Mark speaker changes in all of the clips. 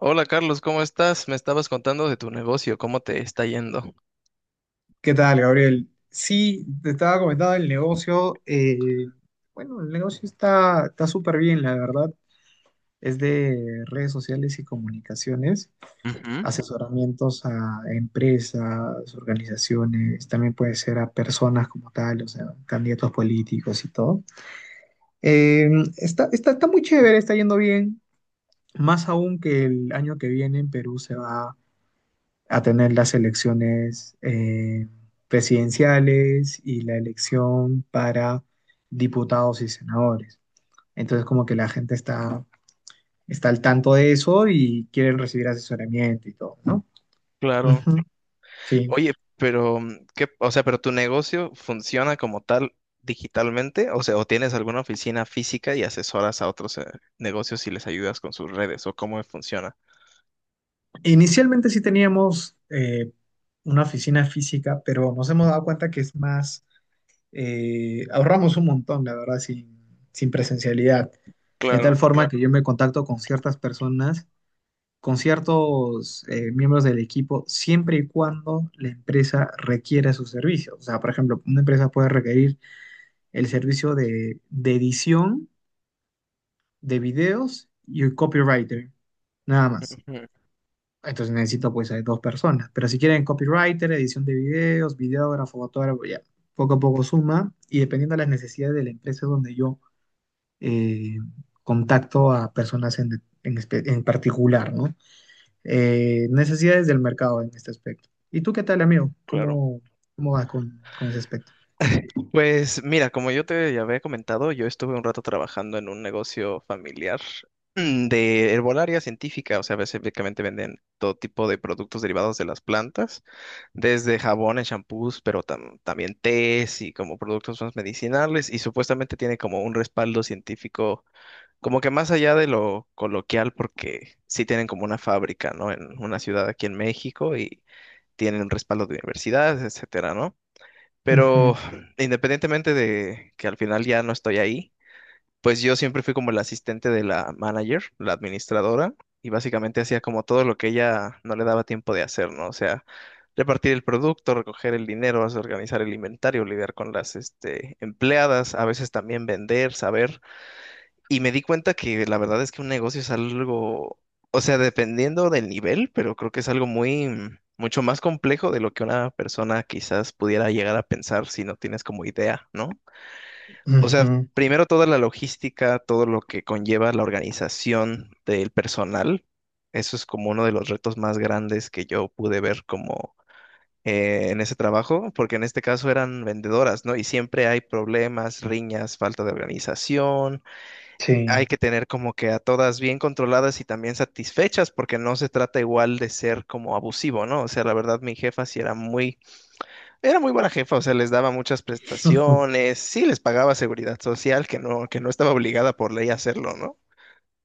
Speaker 1: Hola Carlos, ¿cómo estás? Me estabas contando de tu negocio, ¿cómo te está yendo?
Speaker 2: ¿Qué tal, Gabriel? Sí, te estaba comentando el negocio. Bueno, el negocio está súper bien, la verdad. Es de redes sociales y comunicaciones,
Speaker 1: Ujú.
Speaker 2: asesoramientos a empresas, organizaciones, también puede ser a personas como tal, o sea, candidatos políticos y todo. Eh, está muy chévere, está yendo bien, más aún que el año que viene en Perú se va a tener las elecciones presidenciales y la elección para diputados y senadores. Entonces, como que está al tanto de eso y quieren recibir asesoramiento y todo, ¿no?
Speaker 1: Claro.
Speaker 2: Ujú, sí.
Speaker 1: Oye, pero ¿qué, o sea, pero tu negocio funciona como tal digitalmente? O sea, ¿o tienes alguna oficina física y asesoras a otros negocios y les ayudas con sus redes o cómo funciona?
Speaker 2: Inicialmente sí teníamos una oficina física, pero nos hemos dado cuenta que es más, ahorramos un montón, la verdad, sin presencialidad. De
Speaker 1: Claro,
Speaker 2: tal forma Claro. que yo me contacto con ciertas personas con ciertos miembros del equipo siempre y cuando la empresa requiera sus servicios. O sea, por ejemplo, una empresa puede requerir el servicio de edición de videos y un copywriter, nada más.
Speaker 1: ujú,
Speaker 2: Entonces necesito pues a dos personas. Pero si quieren copywriter, edición de videos, videógrafo, fotógrafo, ya poco a poco suma y dependiendo de las necesidades de la empresa es donde yo eh, contacto a personas en particular, ¿no? Necesidades del mercado en este aspecto. ¿Y tú qué tal, amigo?
Speaker 1: claro.
Speaker 2: Cómo vas con ese aspecto?
Speaker 1: Pues mira, como yo te ya había comentado, yo estuve un rato trabajando en un negocio familiar de herbolaria científica, o sea, básicamente venden todo tipo de productos derivados de las plantas, desde jabones, champús, pero también tés y como productos más medicinales, y supuestamente tiene como un respaldo científico, como que más allá de lo coloquial, porque sí tienen como una fábrica, ¿no? En una ciudad aquí en México y tienen un respaldo de universidades, etcétera, ¿no? Pero
Speaker 2: Ujú,
Speaker 1: independientemente de que al final ya no estoy ahí, pues yo siempre fui como el asistente de la manager, la administradora, y básicamente hacía como todo lo que ella no le daba tiempo de hacer, ¿no? O sea, repartir el producto, recoger el dinero, organizar el inventario, lidiar con las, este, empleadas, a veces también vender, saber y me di cuenta que la verdad es que un negocio es algo, o sea, dependiendo del nivel, pero creo que es algo muy, mucho más complejo de lo que una persona quizás pudiera llegar a pensar si no tienes como idea, ¿no? O sea,
Speaker 2: ujú,
Speaker 1: primero toda la logística, todo lo que conlleva la organización del personal, eso es como uno de los retos más grandes que yo pude ver como en ese trabajo, porque en este caso eran vendedoras, ¿no? Y siempre hay problemas, riñas, falta de organización. Hay
Speaker 2: sí.
Speaker 1: que tener como que a todas bien controladas y también satisfechas, porque no se trata igual de ser como abusivo, ¿no? O sea, la verdad, mi jefa sí era muy buena jefa, o sea, les daba muchas prestaciones, sí les pagaba seguridad social, que no estaba obligada por ley a hacerlo, ¿no?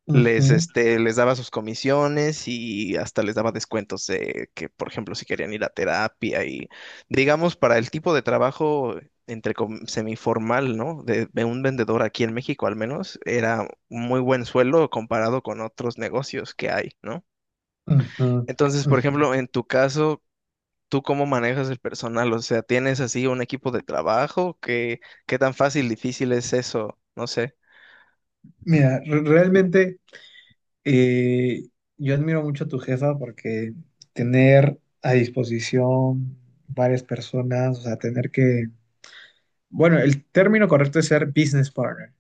Speaker 2: Ujú,
Speaker 1: Les,
Speaker 2: ujú,
Speaker 1: este, les daba sus comisiones y hasta les daba descuentos de que, por ejemplo, si querían ir a terapia y, digamos, para el tipo de trabajo entre semiformal, ¿no? De un vendedor aquí en México al menos, era un muy buen sueldo comparado con otros negocios que hay, ¿no?
Speaker 2: ujú.
Speaker 1: Entonces, por
Speaker 2: Ujú.
Speaker 1: ejemplo, en tu caso, ¿tú cómo manejas el personal? O sea, ¿tienes así un equipo de trabajo? ¿Qué, qué tan fácil, difícil es eso? No sé.
Speaker 2: Mira, realmente eh, yo admiro mucho a tu jefa porque tener a disposición varias personas, o sea, bueno, el término correcto es ser business partner.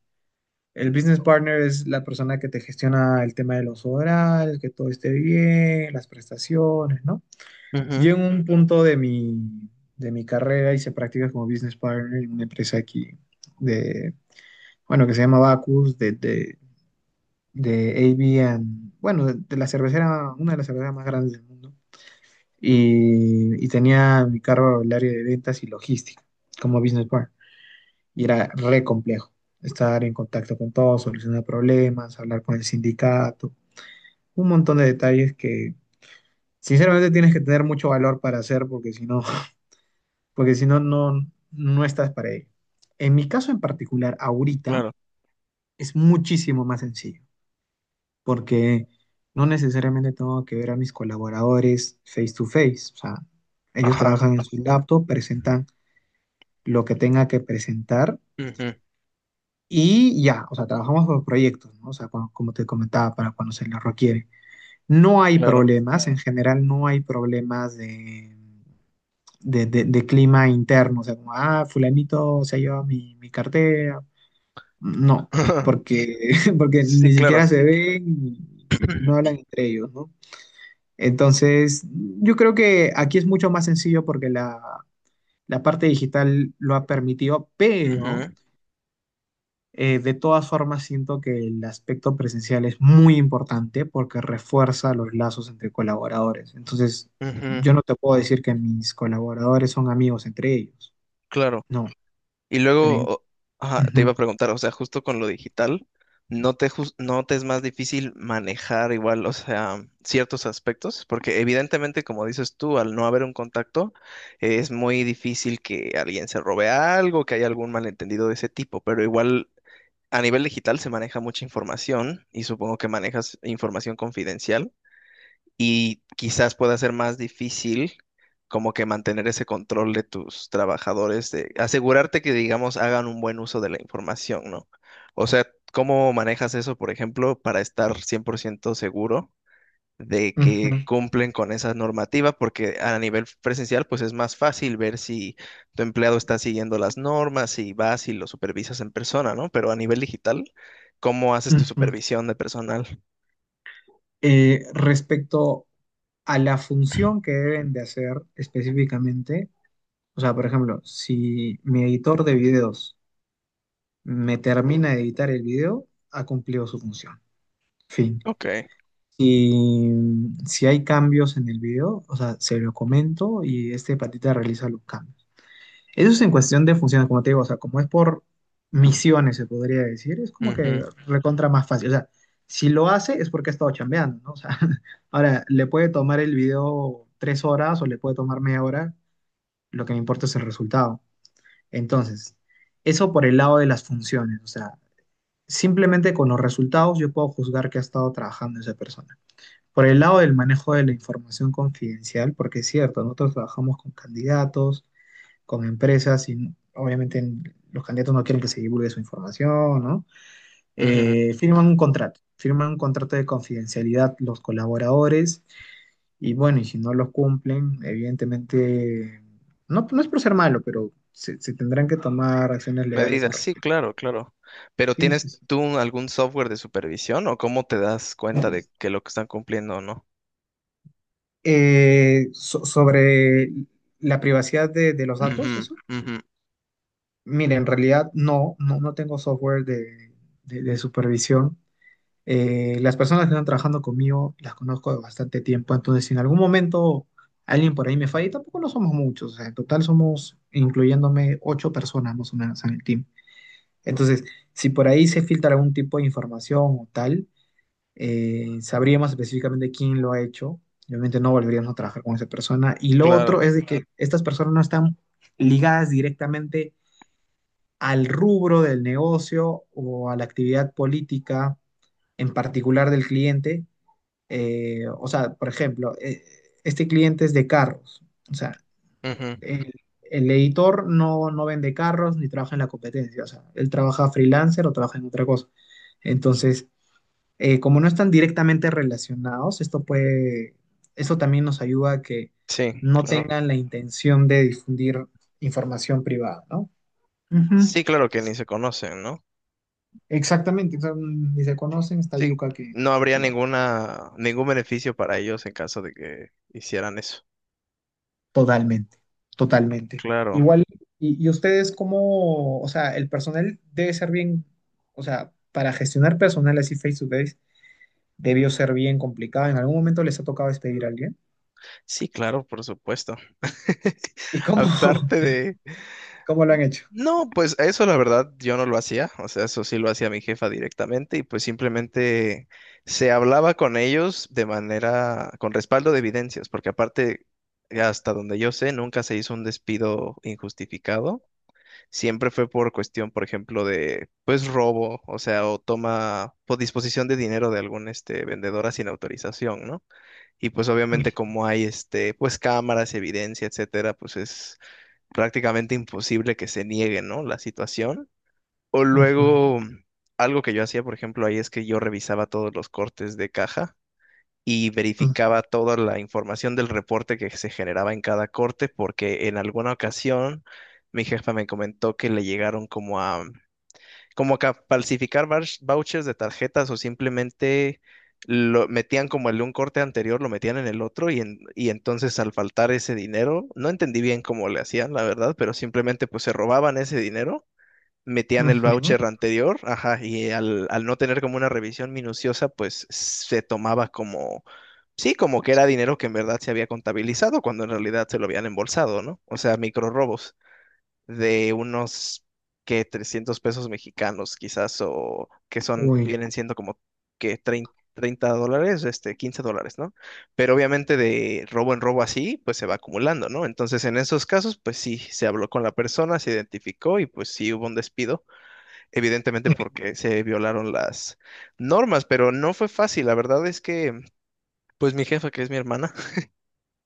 Speaker 2: El business partner es la persona que te gestiona el tema de los horarios, que todo esté bien, las prestaciones, ¿no?
Speaker 1: Ujú,
Speaker 2: Yo en un punto de mi carrera hice prácticas como business partner en una empresa aquí de, bueno, que se llama Bacus, de AB, bueno, de la cervecera, una de las cerveceras más grandes del mundo. Y tenía mi cargo el área de ventas y logística como business partner y era re complejo estar en contacto con todos, solucionar problemas, hablar con el sindicato, un montón de detalles que sinceramente tienes que tener mucho valor para hacer porque si no, porque si no, no, no estás para ello. En mi caso en particular, ahorita
Speaker 1: claro.
Speaker 2: es muchísimo más sencillo porque no necesariamente tengo que ver a mis colaboradores face to face, o sea, ellos
Speaker 1: Ajá.
Speaker 2: trabajan en su laptop, presentan lo que tenga que presentar.
Speaker 1: Ujú,
Speaker 2: Y ya, o sea, trabajamos por proyectos, ¿no? O sea, como te comentaba, para cuando se lo requiere. No hay
Speaker 1: claro.
Speaker 2: problemas, en general no hay problemas de clima interno, o sea, como, ah, fulanito se ha llevado mi cartera. No, porque, porque
Speaker 1: Sí,
Speaker 2: ni
Speaker 1: claro.
Speaker 2: siquiera se ven y no hablan entre ellos, ¿no? Entonces, yo creo que aquí es mucho más sencillo porque la parte digital lo ha permitido, pero...
Speaker 1: Ujú,
Speaker 2: De todas formas, siento que el aspecto presencial es muy importante porque refuerza los lazos entre colaboradores. Entonces,
Speaker 1: ujú,
Speaker 2: yo no te puedo decir que mis colaboradores son amigos entre ellos.
Speaker 1: claro.
Speaker 2: No,
Speaker 1: Y
Speaker 2: pero...
Speaker 1: luego,
Speaker 2: en-
Speaker 1: ajá, te iba
Speaker 2: Ujú,
Speaker 1: a preguntar, o sea, justo con lo digital, ¿no te, no te es más difícil manejar igual, o sea, ciertos aspectos? Porque evidentemente, como dices tú, al no haber un contacto, es muy difícil que alguien se robe algo, que haya algún malentendido de ese tipo, pero igual a nivel digital se maneja mucha información y supongo que manejas información confidencial. Y quizás pueda ser más difícil como que mantener ese control de tus trabajadores, de asegurarte que, digamos, hagan un buen uso de la información, ¿no? O sea, ¿cómo manejas eso, por ejemplo, para estar 100% seguro de
Speaker 2: ujú,
Speaker 1: que cumplen con esa normativa? Porque a nivel presencial, pues es más fácil ver si tu empleado está siguiendo las normas, y vas y lo supervisas en persona, ¿no? Pero a nivel digital, ¿cómo haces tu
Speaker 2: ujú.
Speaker 1: supervisión de personal?
Speaker 2: Respecto a la función que deben de hacer específicamente, o sea, por ejemplo, si mi editor de videos me termina de editar el video, ha cumplido su función. Fin.
Speaker 1: Ok.
Speaker 2: Si, si hay cambios en el video, o sea, se lo comento y este patita realiza los cambios. Eso es en cuestión de funciones, como te digo, o sea, como es por misiones, se podría decir, es como que
Speaker 1: Ujú,
Speaker 2: recontra más fácil. O sea, si lo hace es porque ha estado chambeando, ¿no? O sea, ahora, le puede tomar el video tres horas o le puede tomar media hora, lo que me importa es el resultado. Entonces, eso por el lado de las funciones, o sea, simplemente con los resultados yo puedo juzgar que ha estado trabajando esa persona. Por el lado del manejo de la información confidencial, porque es cierto, nosotros trabajamos con candidatos, con empresas, y obviamente en- los candidatos no quieren que se divulgue su información, ¿no?
Speaker 1: ujú.
Speaker 2: Firman un contrato de confidencialidad los colaboradores, y bueno, y si no los cumplen, evidentemente, no es por ser malo, se tendrán que tomar acciones legales al
Speaker 1: Medidas, sí,
Speaker 2: respecto.
Speaker 1: claro, claro. Pero
Speaker 2: Sí, sí,
Speaker 1: ¿tienes
Speaker 2: sí.
Speaker 1: tú algún software de supervisión o cómo te das cuenta de que lo que están cumpliendo o no?
Speaker 2: Sobre la privacidad de los
Speaker 1: Ujú,
Speaker 2: datos,
Speaker 1: ujú,
Speaker 2: mire, en realidad no tengo software de supervisión. Las personas que están trabajando conmigo las conozco de bastante tiempo, entonces si en algún momento alguien por ahí me falla, y tampoco no somos muchos, o sea, en total somos, incluyéndome, ocho personas más o menos en el team. Entonces, si por ahí se filtra algún tipo de información o tal, sabríamos específicamente quién lo ha hecho. Y obviamente no volveríamos a trabajar con esa persona. Y lo
Speaker 1: claro.
Speaker 2: otro es de que estas personas no están ligadas directamente al rubro del negocio o a la actividad política en particular del cliente. O sea, por ejemplo, este cliente es de carros. O sea,
Speaker 1: Ujú,
Speaker 2: el, el editor no vende carros ni trabaja en la competencia. O sea, él trabaja freelancer o trabaja en otra cosa. Entonces, como no están directamente relacionados, eso también nos ayuda a que
Speaker 1: sí,
Speaker 2: no
Speaker 1: claro.
Speaker 2: tengan la intención de difundir información privada, ¿no? Ujú.
Speaker 1: Sí, claro que ni se conocen, ¿no?
Speaker 2: Exactamente, o sea, ni se conocen, está
Speaker 1: Sí,
Speaker 2: yuca que
Speaker 1: no habría
Speaker 2: lo
Speaker 1: ninguna, ningún beneficio para ellos en caso de que hicieran eso.
Speaker 2: totalmente, totalmente.
Speaker 1: Claro.
Speaker 2: Igual, y ustedes cómo, o sea, el personal debe ser bien, o sea, para gestionar personal así face to face, debió ser bien complicado. ¿En algún momento les ha tocado despedir a alguien?
Speaker 1: Sí, claro, por supuesto.
Speaker 2: ¿Y cómo,
Speaker 1: Aparte de,
Speaker 2: cómo lo han hecho?
Speaker 1: no, pues eso la verdad yo no lo hacía, o sea, eso sí lo hacía mi jefa directamente y pues simplemente se hablaba con ellos de manera, con respaldo de evidencias, porque aparte, hasta donde yo sé, nunca se hizo un despido injustificado, siempre fue por cuestión, por ejemplo, de pues robo, o sea, o toma por disposición de dinero de algún este vendedora sin autorización, ¿no? Y pues
Speaker 2: Ujú,
Speaker 1: obviamente como hay este pues cámaras, evidencia, etcétera, pues es prácticamente imposible que se niegue, ¿no? La situación. O luego, algo que yo hacía, por ejemplo, ahí es que yo revisaba todos los cortes de caja y
Speaker 2: ujú,
Speaker 1: verificaba toda la información del reporte que se generaba en cada corte, porque en alguna ocasión mi jefa me comentó que le llegaron como a como que falsificar vouchers de tarjetas o simplemente lo metían como el de un corte anterior, lo metían en el otro y, y entonces al faltar ese dinero, no entendí bien cómo le hacían, la verdad, pero simplemente pues se robaban ese dinero, metían el
Speaker 2: ujú.
Speaker 1: voucher anterior, ajá, y al, al no tener como una revisión minuciosa, pues se tomaba como, sí, como que era dinero que en verdad se había contabilizado cuando en realidad se lo habían embolsado, ¿no? O sea, micro de unos que 300 pesos mexicanos quizás o que son
Speaker 2: Uy.
Speaker 1: vienen siendo como que 30, $30, este $15, ¿no? Pero obviamente de robo en robo así, pues se va acumulando, ¿no? Entonces en esos casos, pues sí, se habló con la persona, se identificó y pues sí hubo un despido, evidentemente porque se violaron las normas, pero no fue fácil, la verdad es que pues mi jefa, que es mi hermana,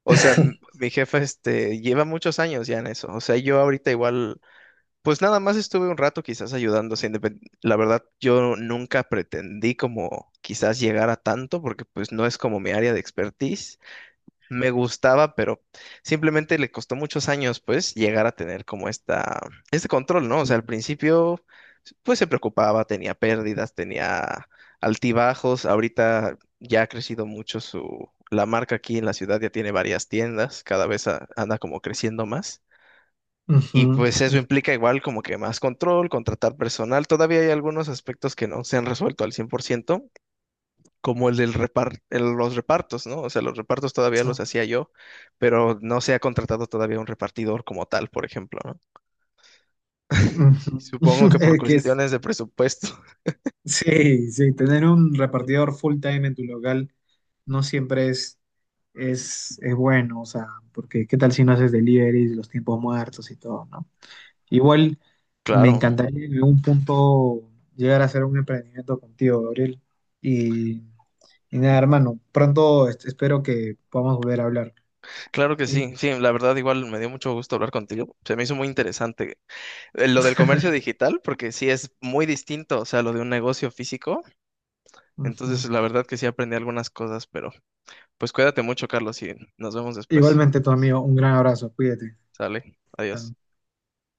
Speaker 1: o sea, mi jefa este lleva muchos años ya en eso. O sea, yo ahorita igual pues nada más estuve un rato quizás ayudando, sin depend- la verdad yo nunca pretendí como quizás llegar a tanto porque pues no es como mi área de expertise. Me gustaba, pero simplemente le costó muchos años pues llegar a tener como esta este control, ¿no? O sea, al
Speaker 2: Ujú,
Speaker 1: principio pues se preocupaba, tenía pérdidas, tenía altibajos. Ahorita ya ha crecido mucho su la marca aquí en la ciudad, ya tiene varias tiendas, cada vez anda como creciendo más. Y pues eso implica igual como que más control, contratar personal. Todavía hay algunos aspectos que no se han resuelto al 100% como el del los repartos, ¿no? O sea, los repartos todavía los hacía yo, pero no se ha contratado todavía un repartidor como tal, por ejemplo, ¿no? Y
Speaker 2: ujú.
Speaker 1: supongo que por
Speaker 2: Es que es
Speaker 1: cuestiones de presupuesto.
Speaker 2: sí, sí, tener un repartidor full time en tu local no siempre es bueno, o sea, porque qué tal si no haces deliveries, los tiempos muertos y todo, ¿no? Igual me
Speaker 1: Claro,
Speaker 2: encantaría en algún punto llegar a hacer un emprendimiento contigo, Gabriel. Y, y nada, hermano, pronto espero que podamos volver a hablar,
Speaker 1: claro que
Speaker 2: ¿sí?
Speaker 1: sí. Sí, la verdad igual me dio mucho gusto hablar contigo. Se me hizo muy interesante lo del comercio digital, porque sí es muy distinto, o sea, lo de un negocio físico. Entonces,
Speaker 2: Ujú.
Speaker 1: la verdad que sí aprendí algunas cosas, pero... Pues cuídate mucho, Carlos, y nos vemos después.
Speaker 2: Igualmente, tu amigo, un gran abrazo, cuídate.
Speaker 1: Sale, adiós.
Speaker 2: Chao.